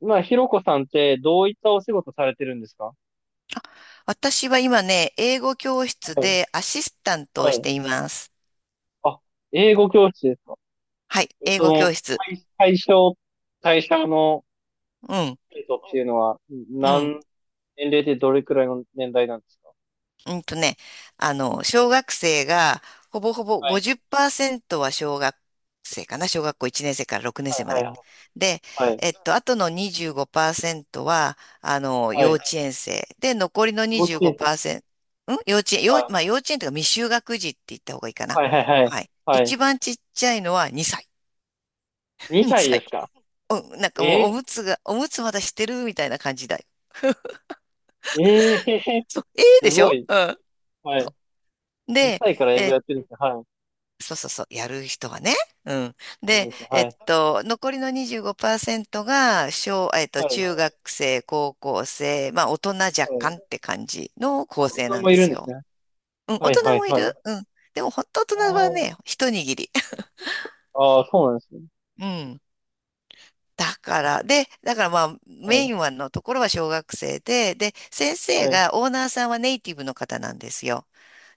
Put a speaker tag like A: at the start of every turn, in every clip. A: まあひろこさんってどういったお仕事されてるんですか？
B: 私は今ね、英語教室
A: はい。
B: でアシスタントを
A: は
B: し
A: い。
B: ています。
A: あ、英語教室ですか？
B: はい、
A: えっ
B: 英語教
A: と、
B: 室。
A: 対対象、対象の
B: うん、
A: 生徒っていうのは、
B: うん、
A: 何、年齢でどれくらいの年代なんですか？
B: うんとね、小学生がほぼほぼ
A: はい、
B: 50%は小学生かな、小学校1年生から6年
A: は
B: 生
A: い、
B: ま
A: はい。
B: で。
A: は
B: で、
A: い、はい、
B: あとの25%は、
A: は
B: 幼
A: い。
B: 稚園生。で、残りの
A: 幼稚園生。
B: 25%、ん幼稚園、幼、まあ
A: は
B: 幼稚園というか未就学児って言った方がいいか
A: い、
B: な。
A: はい、はい、はい。
B: はい。
A: はい。
B: 一番ちっちゃいのは2歳。
A: 2歳
B: 2
A: で
B: 歳。
A: すか？
B: なんかもう
A: え、
B: おむつまだしてるみたいな感じだよ。
A: ええ
B: そう、ええ
A: ー、
B: で
A: す
B: し
A: ご
B: ょ
A: い。
B: うん。
A: は
B: そ
A: い。
B: うで、
A: 2歳から英
B: え
A: 語
B: ー
A: やってるんですね。はい。
B: そうそうそう、やる人はね。うん。
A: すご
B: で、
A: いですね。はい。
B: 残りの25%が、小、えっと、
A: はい。
B: 中学生、高校生、まあ、大人若
A: は
B: 干っ
A: い。
B: て感じの構成
A: 子供
B: なん
A: もい
B: で
A: るん
B: す
A: です
B: よ。
A: ね。
B: うん、大
A: はい、は
B: 人
A: い、
B: もい
A: はい。
B: る。うん。でも、本当大
A: あ
B: 人はね、一握り。
A: あ、ああそうなんですね。
B: うん。だからまあ、メ
A: は
B: イ
A: い。
B: ンはのところは小学生で、で、先
A: は
B: 生
A: い。
B: が、オーナーさんはネイティブの方なんですよ。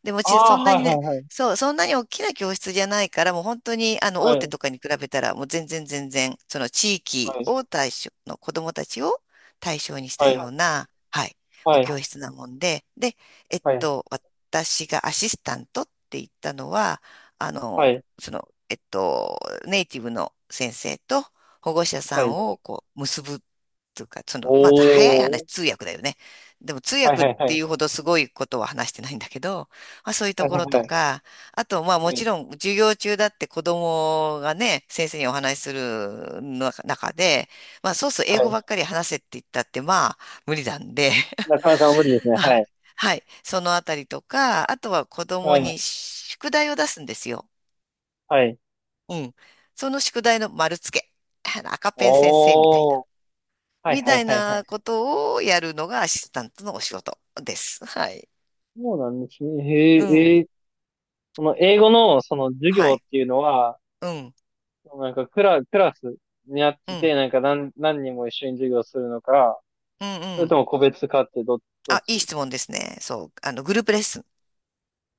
B: でも
A: ああ
B: そんな
A: はい
B: に
A: はい
B: ね、
A: はい。
B: そう、そんなに大きな教室じゃないから、もう本当に、
A: は
B: 大手
A: い。
B: とかに比べたら、もう全然、その地
A: は
B: 域
A: い。
B: を対象の子供たちを対象にした
A: は
B: よ
A: い。
B: うな、はい、お
A: は
B: 教室なもんで、で、
A: い。
B: 私がアシスタントって言ったのは、あ
A: は
B: の、
A: い。
B: その、えっと、ネイティブの先生と、保護者さ
A: は
B: ん
A: い。
B: をこう結ぶというか、その、まあ、早い
A: お
B: 話、
A: ー。
B: 通訳だよね。でも通
A: はい
B: 訳っ
A: はいはい。
B: ていうほどすごいことは話してないんだけど、まあ、そういう
A: は
B: と
A: いは
B: こ
A: い
B: ろと
A: はい。
B: か、あと、まあ
A: う
B: もち
A: ん。
B: ろん授業中だって子供がね、先生にお話しするの中で、まあそうそう英
A: は
B: 語
A: い。
B: ばっかり話せって言ったってまあ無理なんで、
A: なかなか無理です ね。は
B: あ
A: い。
B: はい、そのあたりとか、あとは子
A: は
B: 供
A: い。
B: に宿題を出すんですよ。
A: はい。
B: うん。その宿題の丸付け。赤ペン先生みたい
A: お
B: な。
A: ー。はい
B: み
A: は
B: た
A: い
B: い
A: はいはい。
B: なことをやるのがアシスタントのお仕事です。はい。
A: そうなんですね。へ
B: うん。
A: え、えー、その英語のその授
B: は
A: 業っ
B: い。
A: ていうのは、
B: うん。
A: なんかクラスにあっ
B: う
A: てて、
B: ん。
A: なんか何人も一緒に授業するのか、
B: うん。
A: そ
B: う
A: れ
B: ん。
A: とも個別かってどっ
B: あ、い
A: ち？
B: い質問ですね。そう。あの、グループレッスン。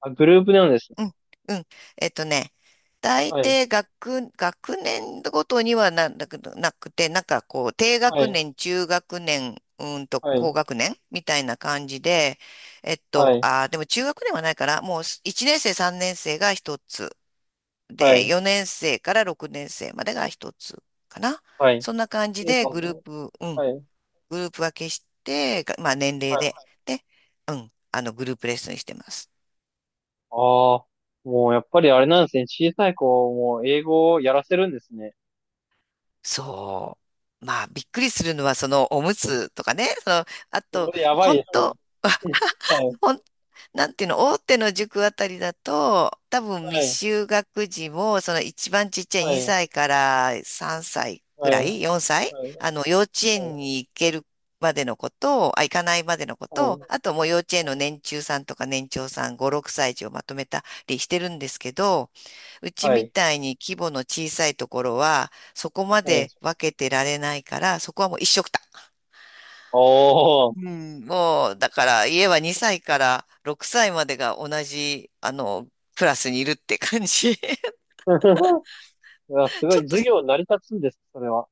A: あ、グループなんですね。
B: うん。うん。えっとね、大
A: はい。
B: 抵学、学年ごとになくなくて、なんかこう、低
A: は
B: 学
A: い。
B: 年、中学年、うーんと
A: は
B: 高
A: い。
B: 学年みたいな感じで、
A: はい。
B: でも中学年はないから、もう1年生、3年生が1つ。
A: は
B: で、
A: い、
B: 4年生から6年生までが一つかな。
A: はい。
B: そんな感じ
A: A さ
B: で
A: ん
B: グルー
A: の、
B: プ、うん、
A: はい、はい。
B: グループ分けして、がまあ年齢で、で、うん、グループレッスンしてます。
A: ああ、もうやっぱりあれなんですね。小さい子も英語をやらせるんですね。
B: そう。まあびっくりするのはそのおむつとかね、その、あ
A: そ
B: と、
A: れでやばい
B: 本
A: ですね。
B: 当
A: はい、
B: ほん、なんていうの、大手の塾あたりだと、多分未
A: はい、
B: 就学児も、その一番ちっちゃい
A: はい、
B: 2歳から3歳ぐ
A: は
B: ら
A: い、はい、
B: い、4歳、
A: は
B: あ
A: い、
B: の、幼稚園に行けるまでのことを、あ、行かないまでのこと
A: は
B: を、
A: い、
B: あともう幼稚園の年中さんとか年長さん5、6歳児をまとめたりしてるんですけど、うち
A: は
B: み
A: い、
B: たいに規模の小さいところは、そこま
A: はい。
B: で分けてられないから、そこはもう一緒くた。
A: おお。
B: うん、もう、だから家は2歳から6歳までが同じ、あの、クラスにいるって感じ。
A: いや、すご
B: ち
A: い、
B: ょっと、
A: 授業成り立つんですね、それは。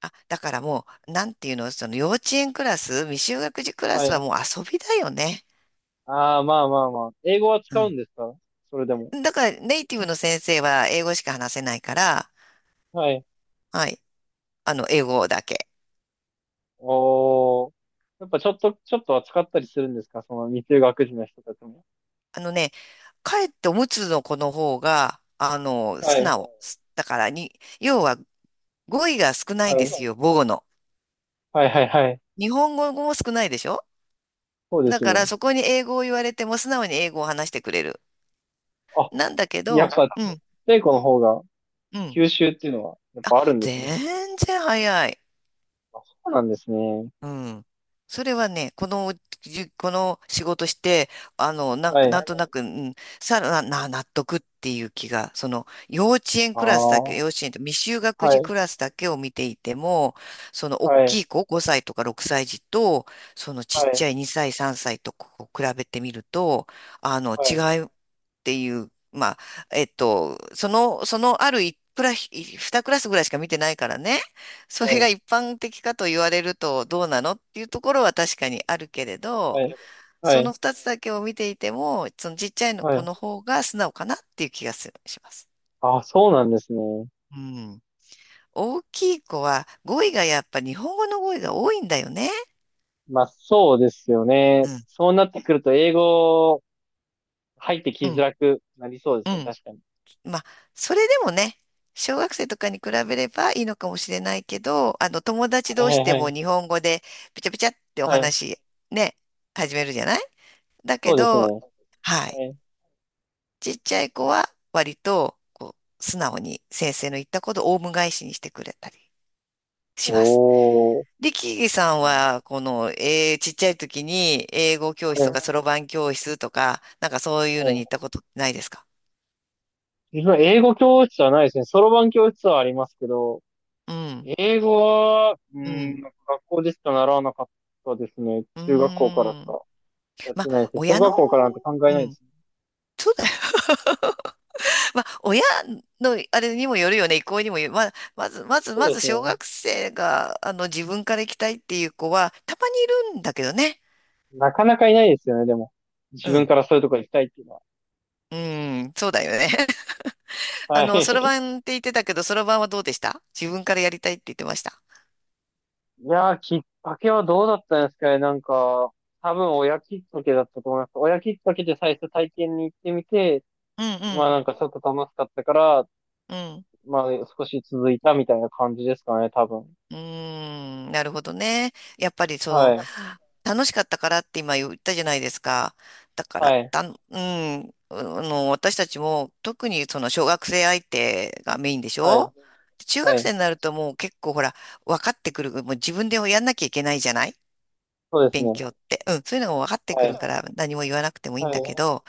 B: あ、だからもう、なんていうの、その幼稚園クラス、未就学児クラ
A: は
B: スは
A: い。
B: もう遊びだよね。
A: ああ、まあまあまあ。英語は使うん
B: う
A: ですか、それでも？
B: ん。だからネイティブの先生は英語しか話せないから、
A: はい。
B: はい。あの、英語だけ。
A: おお。やっぱちょっと、ちょっとは使ったりするんですか、その未就学児の人たちも？
B: あのね、かえっておむつの子の方が、あの、
A: は
B: 素
A: い。
B: 直。だからに、要は語彙が少な
A: あ
B: いんです
A: の、
B: よ、母語の。
A: はいはいはい。
B: 日本語も少ないでしょ
A: そうで
B: だ
A: す
B: から
A: ね。
B: そこに英語を言われても素直に英語を話してくれる。
A: あ、
B: なんだけ
A: やっ
B: ど、
A: ぱ、
B: うん、
A: 太古の方が、
B: うん。
A: 吸収っていうのは、やっぱあるんですね。
B: 全然早い。
A: あ、そうなんですね。
B: うん。それはね、この、この仕事して、あの、なん
A: は
B: か、
A: い。
B: なんとなく、うん、さらな、納得っていう気が、その、幼稚園
A: ああ、
B: クラスだけ、
A: は
B: 幼稚園と未就学児
A: い、
B: クラスだけを見ていても、その、大
A: はい、
B: きい子、5歳とか6歳児と、その、ちっ
A: はい、
B: ちゃい2歳、3歳とこう比べてみると、あの、
A: は
B: 違
A: い、
B: いっていう、まあ、ある一クラス、2クラスぐらいしか見てないからね、それが
A: は
B: 一般的かと言われるとどうなのっていうところは確かにあるけれど、
A: い、は
B: そ
A: い、
B: の二つだけを見ていても、そのちっちゃいの
A: は
B: 子
A: い。
B: の方が素直かなっていう気がする、します。
A: あ、そうなんですね。
B: うん。大きい子は語彙がやっぱ日本語の語彙が多いんだよね。
A: まあ、そうですよね。
B: うん。
A: そうなってくると、英語入ってき
B: う
A: づ
B: ん。
A: らくなりそうで
B: う
A: すね。
B: ん。
A: 確かに。
B: まあ、それでもね、小学生とかに比べればいいのかもしれないけど、あの、友達同
A: はい、
B: 士で
A: は
B: も
A: い、
B: 日本語でピチャピチャってお
A: はい。はい、
B: 話、ね、始めるじゃないだけ
A: そうですね。
B: ど、はい。
A: はい。
B: ちっちゃい子は割とこう素直に先生の言ったことをオウム返しにしてくれたりします。
A: おー。
B: で、キーさん
A: あ、は
B: は、この、ちっちゃい時に英語教室とかそ
A: い、
B: ろばん教室とか、なんかそういうのに
A: は
B: 行っ
A: い。
B: たことないですか
A: 自分は英語教室はないですね。そろばん教室はありますけど、
B: うん、
A: 英語は、う
B: う
A: ん、
B: ん、
A: 学校でしか習わなかったですね。
B: うー
A: 中学校からし
B: ん。
A: かやっ
B: ま
A: て
B: あ、
A: ないですね。小
B: 親の、
A: 学校からなんて考え
B: う
A: ないで
B: ん、
A: すね。
B: そうだよ。まあ、親のあれにもよるよね、意向にもよる。まあ、まず、まず、
A: そ
B: ま
A: うで
B: ず、
A: す
B: 小
A: ね。
B: 学生が、あの、自分から行きたいっていう子は、たまにいるんだけどね。
A: なかなかいないですよね、でも。自
B: う
A: 分
B: ん。
A: からそういうとこ行きたいっていうのは。
B: うん、そうだよね。あ
A: は
B: の、そろ
A: い。
B: ばんって言ってたけど、そろばんはどうでした自分からやりたいって言ってました。
A: いやー、きっかけはどうだったんですかね。なんか、多分親きっかけだったと思います。親きっかけで最初体験に行ってみて、
B: う
A: まあ
B: ん
A: なんかちょっと楽しかったから、
B: うん、うん。
A: まあ少し続いたみたいな感じですかね、多分。
B: うーん、なるほどね。やっぱりそ
A: は
B: の、
A: い。
B: 楽しかったからって今言ったじゃないですか。だから、
A: はい、
B: たん、うん、あの、私たちも特にその小学生相手がメインでし
A: はい、
B: ょ中
A: は
B: 学
A: い、
B: 生になるともう結構ほら、分かってくる。もう自分でやんなきゃいけないじゃない
A: そうです
B: 勉
A: ね。
B: 強って。うん、そういうのが分かって
A: は
B: くる
A: い、
B: から何も言わなくてもいいん
A: は
B: だけ
A: い、
B: ど、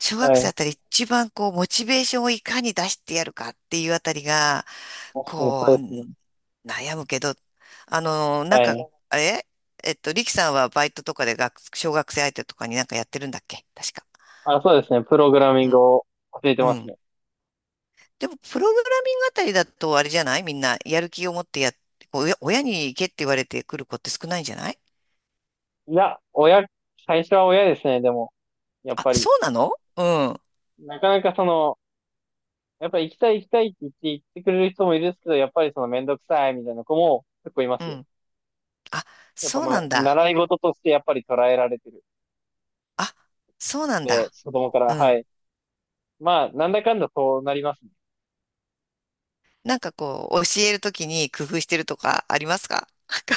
B: 小学
A: は
B: 生あ
A: い、
B: たり一番こう、モチベーションをいかに出してやるかっていうあたりが、
A: 確かにそ
B: こ
A: うですね。
B: う、悩むけど、あの、なん
A: は
B: か、
A: い。
B: あれえっと、リキさんはバイトとかで小学生相手とかになんかやってるんだっけ確か。
A: あ、そうですね。プログラミン
B: う
A: グ
B: ん。
A: を教えて
B: う
A: ます
B: ん。
A: ね。
B: でも、プログラミングあたりだとあれじゃないみんな、やる気を持ってやっ、こう親に行けって言われてくる子って少ないんじゃない
A: いや、親、最初は親ですね、でも、やっ
B: あ、
A: ぱ
B: そ
A: り。
B: うなのうん。
A: なかなかその、やっぱり行きたい行きたいって言って、行ってくれる人もいるんですけど、やっぱりそのめんどくさいみたいな子も結構いま
B: う
A: すよ。
B: ん。あ、
A: やっぱ
B: そう
A: ま
B: な
A: あ、
B: んだ。
A: 習い事としてやっぱり捉えられてる
B: あ、
A: の
B: そうなん
A: で、
B: だ。
A: 子供か
B: う
A: ら、は
B: ん。
A: い。まあ、なんだかんだそうなりますね。
B: なんかこう、教えるときに工夫してるとかありますか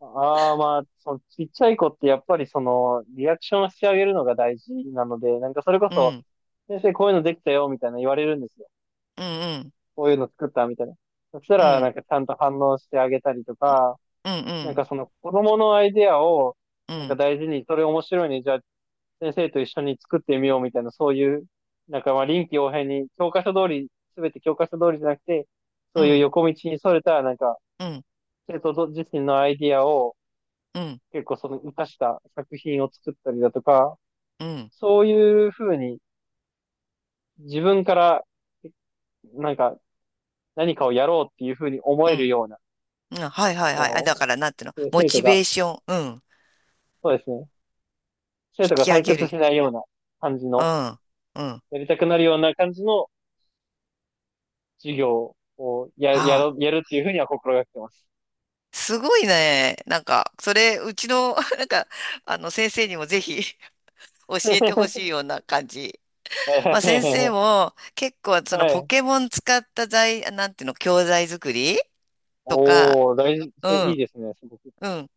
A: ああ、まあ、そのちっちゃい子ってやっぱりその、リアクションをしてあげるのが大事なので、なんかそれこ
B: う
A: そ、
B: ん、
A: 先生こういうのできたよ、みたいな言われるんですよ。
B: うん、
A: こういうの作った、みたいな。そした
B: うん、う
A: ら、な
B: ん、
A: んかちゃんと反応してあげたりとか、
B: うん、う
A: なんか
B: ん、
A: その子供のアイデアを、
B: う
A: なんか
B: ん、
A: 大事に、それ面白いね、じゃあ先生と一緒に作ってみよう、みたいな、そういう、なんかまあ臨機応変に、教科書通り、すべて教科書通りじゃなくて、
B: う
A: そういう
B: ん、
A: 横道にそれた、なんか、
B: うん、
A: 生徒自身のアイディアを、
B: うん、
A: 結構その生かした作品を作ったりだとか、そういうふうに自分からなんか何かをやろうっていうふうに思
B: う
A: える
B: ん、
A: ような、
B: うんはいはいはい。あ、だか
A: こ
B: らなんていうの、
A: の
B: モ
A: 生徒
B: チ
A: が、
B: ベーション、うん、
A: そうですね、生
B: 引
A: 徒が
B: き上
A: 退
B: げ
A: 屈し
B: る。
A: ないような感じ
B: う
A: の、
B: ん、うん。
A: やりたくなるような感じの授業を
B: はあ、
A: やるっていうふうには心がけてます。
B: すごいね。なんか、それ、うちの、なんか、あの、先生にもぜひ 教えてほしい ような感じ。
A: は
B: まあ、先生
A: い
B: も結構、そ
A: は
B: のポ
A: い。
B: ケモン使ったなんていうの、教材作りとか、
A: おー、大事、
B: う
A: そう、いい
B: ん。
A: ですね、すごく。
B: うん。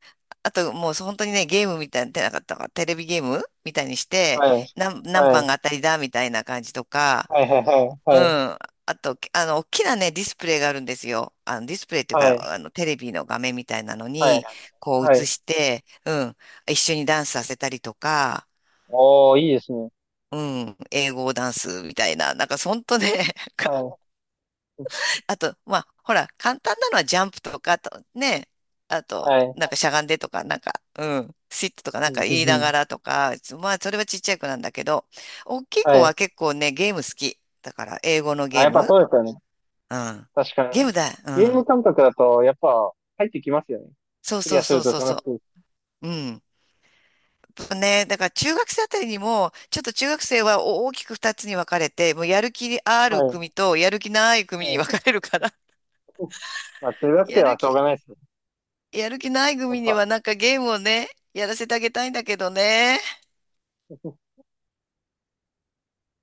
B: あと、もう本当にね、ゲームみたいな、出なかったから、テレビゲームみたいにして、
A: はい。
B: 何
A: は
B: 番が
A: い。
B: 当たりだみたいな感じとか、
A: はい、はい、はい、
B: うん。
A: はい、
B: あと、あの、大きなね、ディスプレイがあるんですよ。あの、ディスプレイっていう
A: はい、
B: か、あの、テレビの画面みたいなの
A: はい。
B: に、こう
A: は
B: 映
A: い。
B: して、うん。一緒にダンスさせたりとか、
A: おー、いいですね。
B: うん。英語ダンスみたいな、なんか、ほんとね、
A: はい。
B: あと、まあ、ほら、簡単なのはジャンプとか、あとね、あと、
A: はい。
B: なんかしゃがんでとか、なんか、うん、シットとかな
A: う
B: んか
A: んう
B: 言い
A: ん
B: な
A: うん。
B: がらとか、まあ、それはちっちゃい子なんだけど、大きい子
A: は
B: は
A: い。
B: 結構ね、ゲーム好き。だから、英語の
A: あ、
B: ゲー
A: やっぱ
B: ム
A: そうですよね。
B: うん。
A: 確か
B: ゲー
A: に。
B: ムだ。う
A: ゲーム
B: ん。
A: 感覚だと、やっぱ入ってきますよね。
B: そう
A: クリ
B: そ
A: ア
B: う
A: す
B: そ
A: る
B: う
A: と
B: そうそ
A: 楽しい。
B: う。うん。やっぱね、だから中学生あたりにも、ちょっと中学生は大きく二つに分かれて、もうやる気あ
A: は
B: る
A: い。
B: 組とやる気ない組
A: は
B: に分
A: い。
B: かれるから、
A: まあ、中 学生
B: や
A: は
B: る
A: しょうが
B: 気、
A: ないですよ、
B: やる気ない
A: やっ
B: 組に
A: ぱ。
B: はなんかゲームをね、やらせてあげたいんだけどね。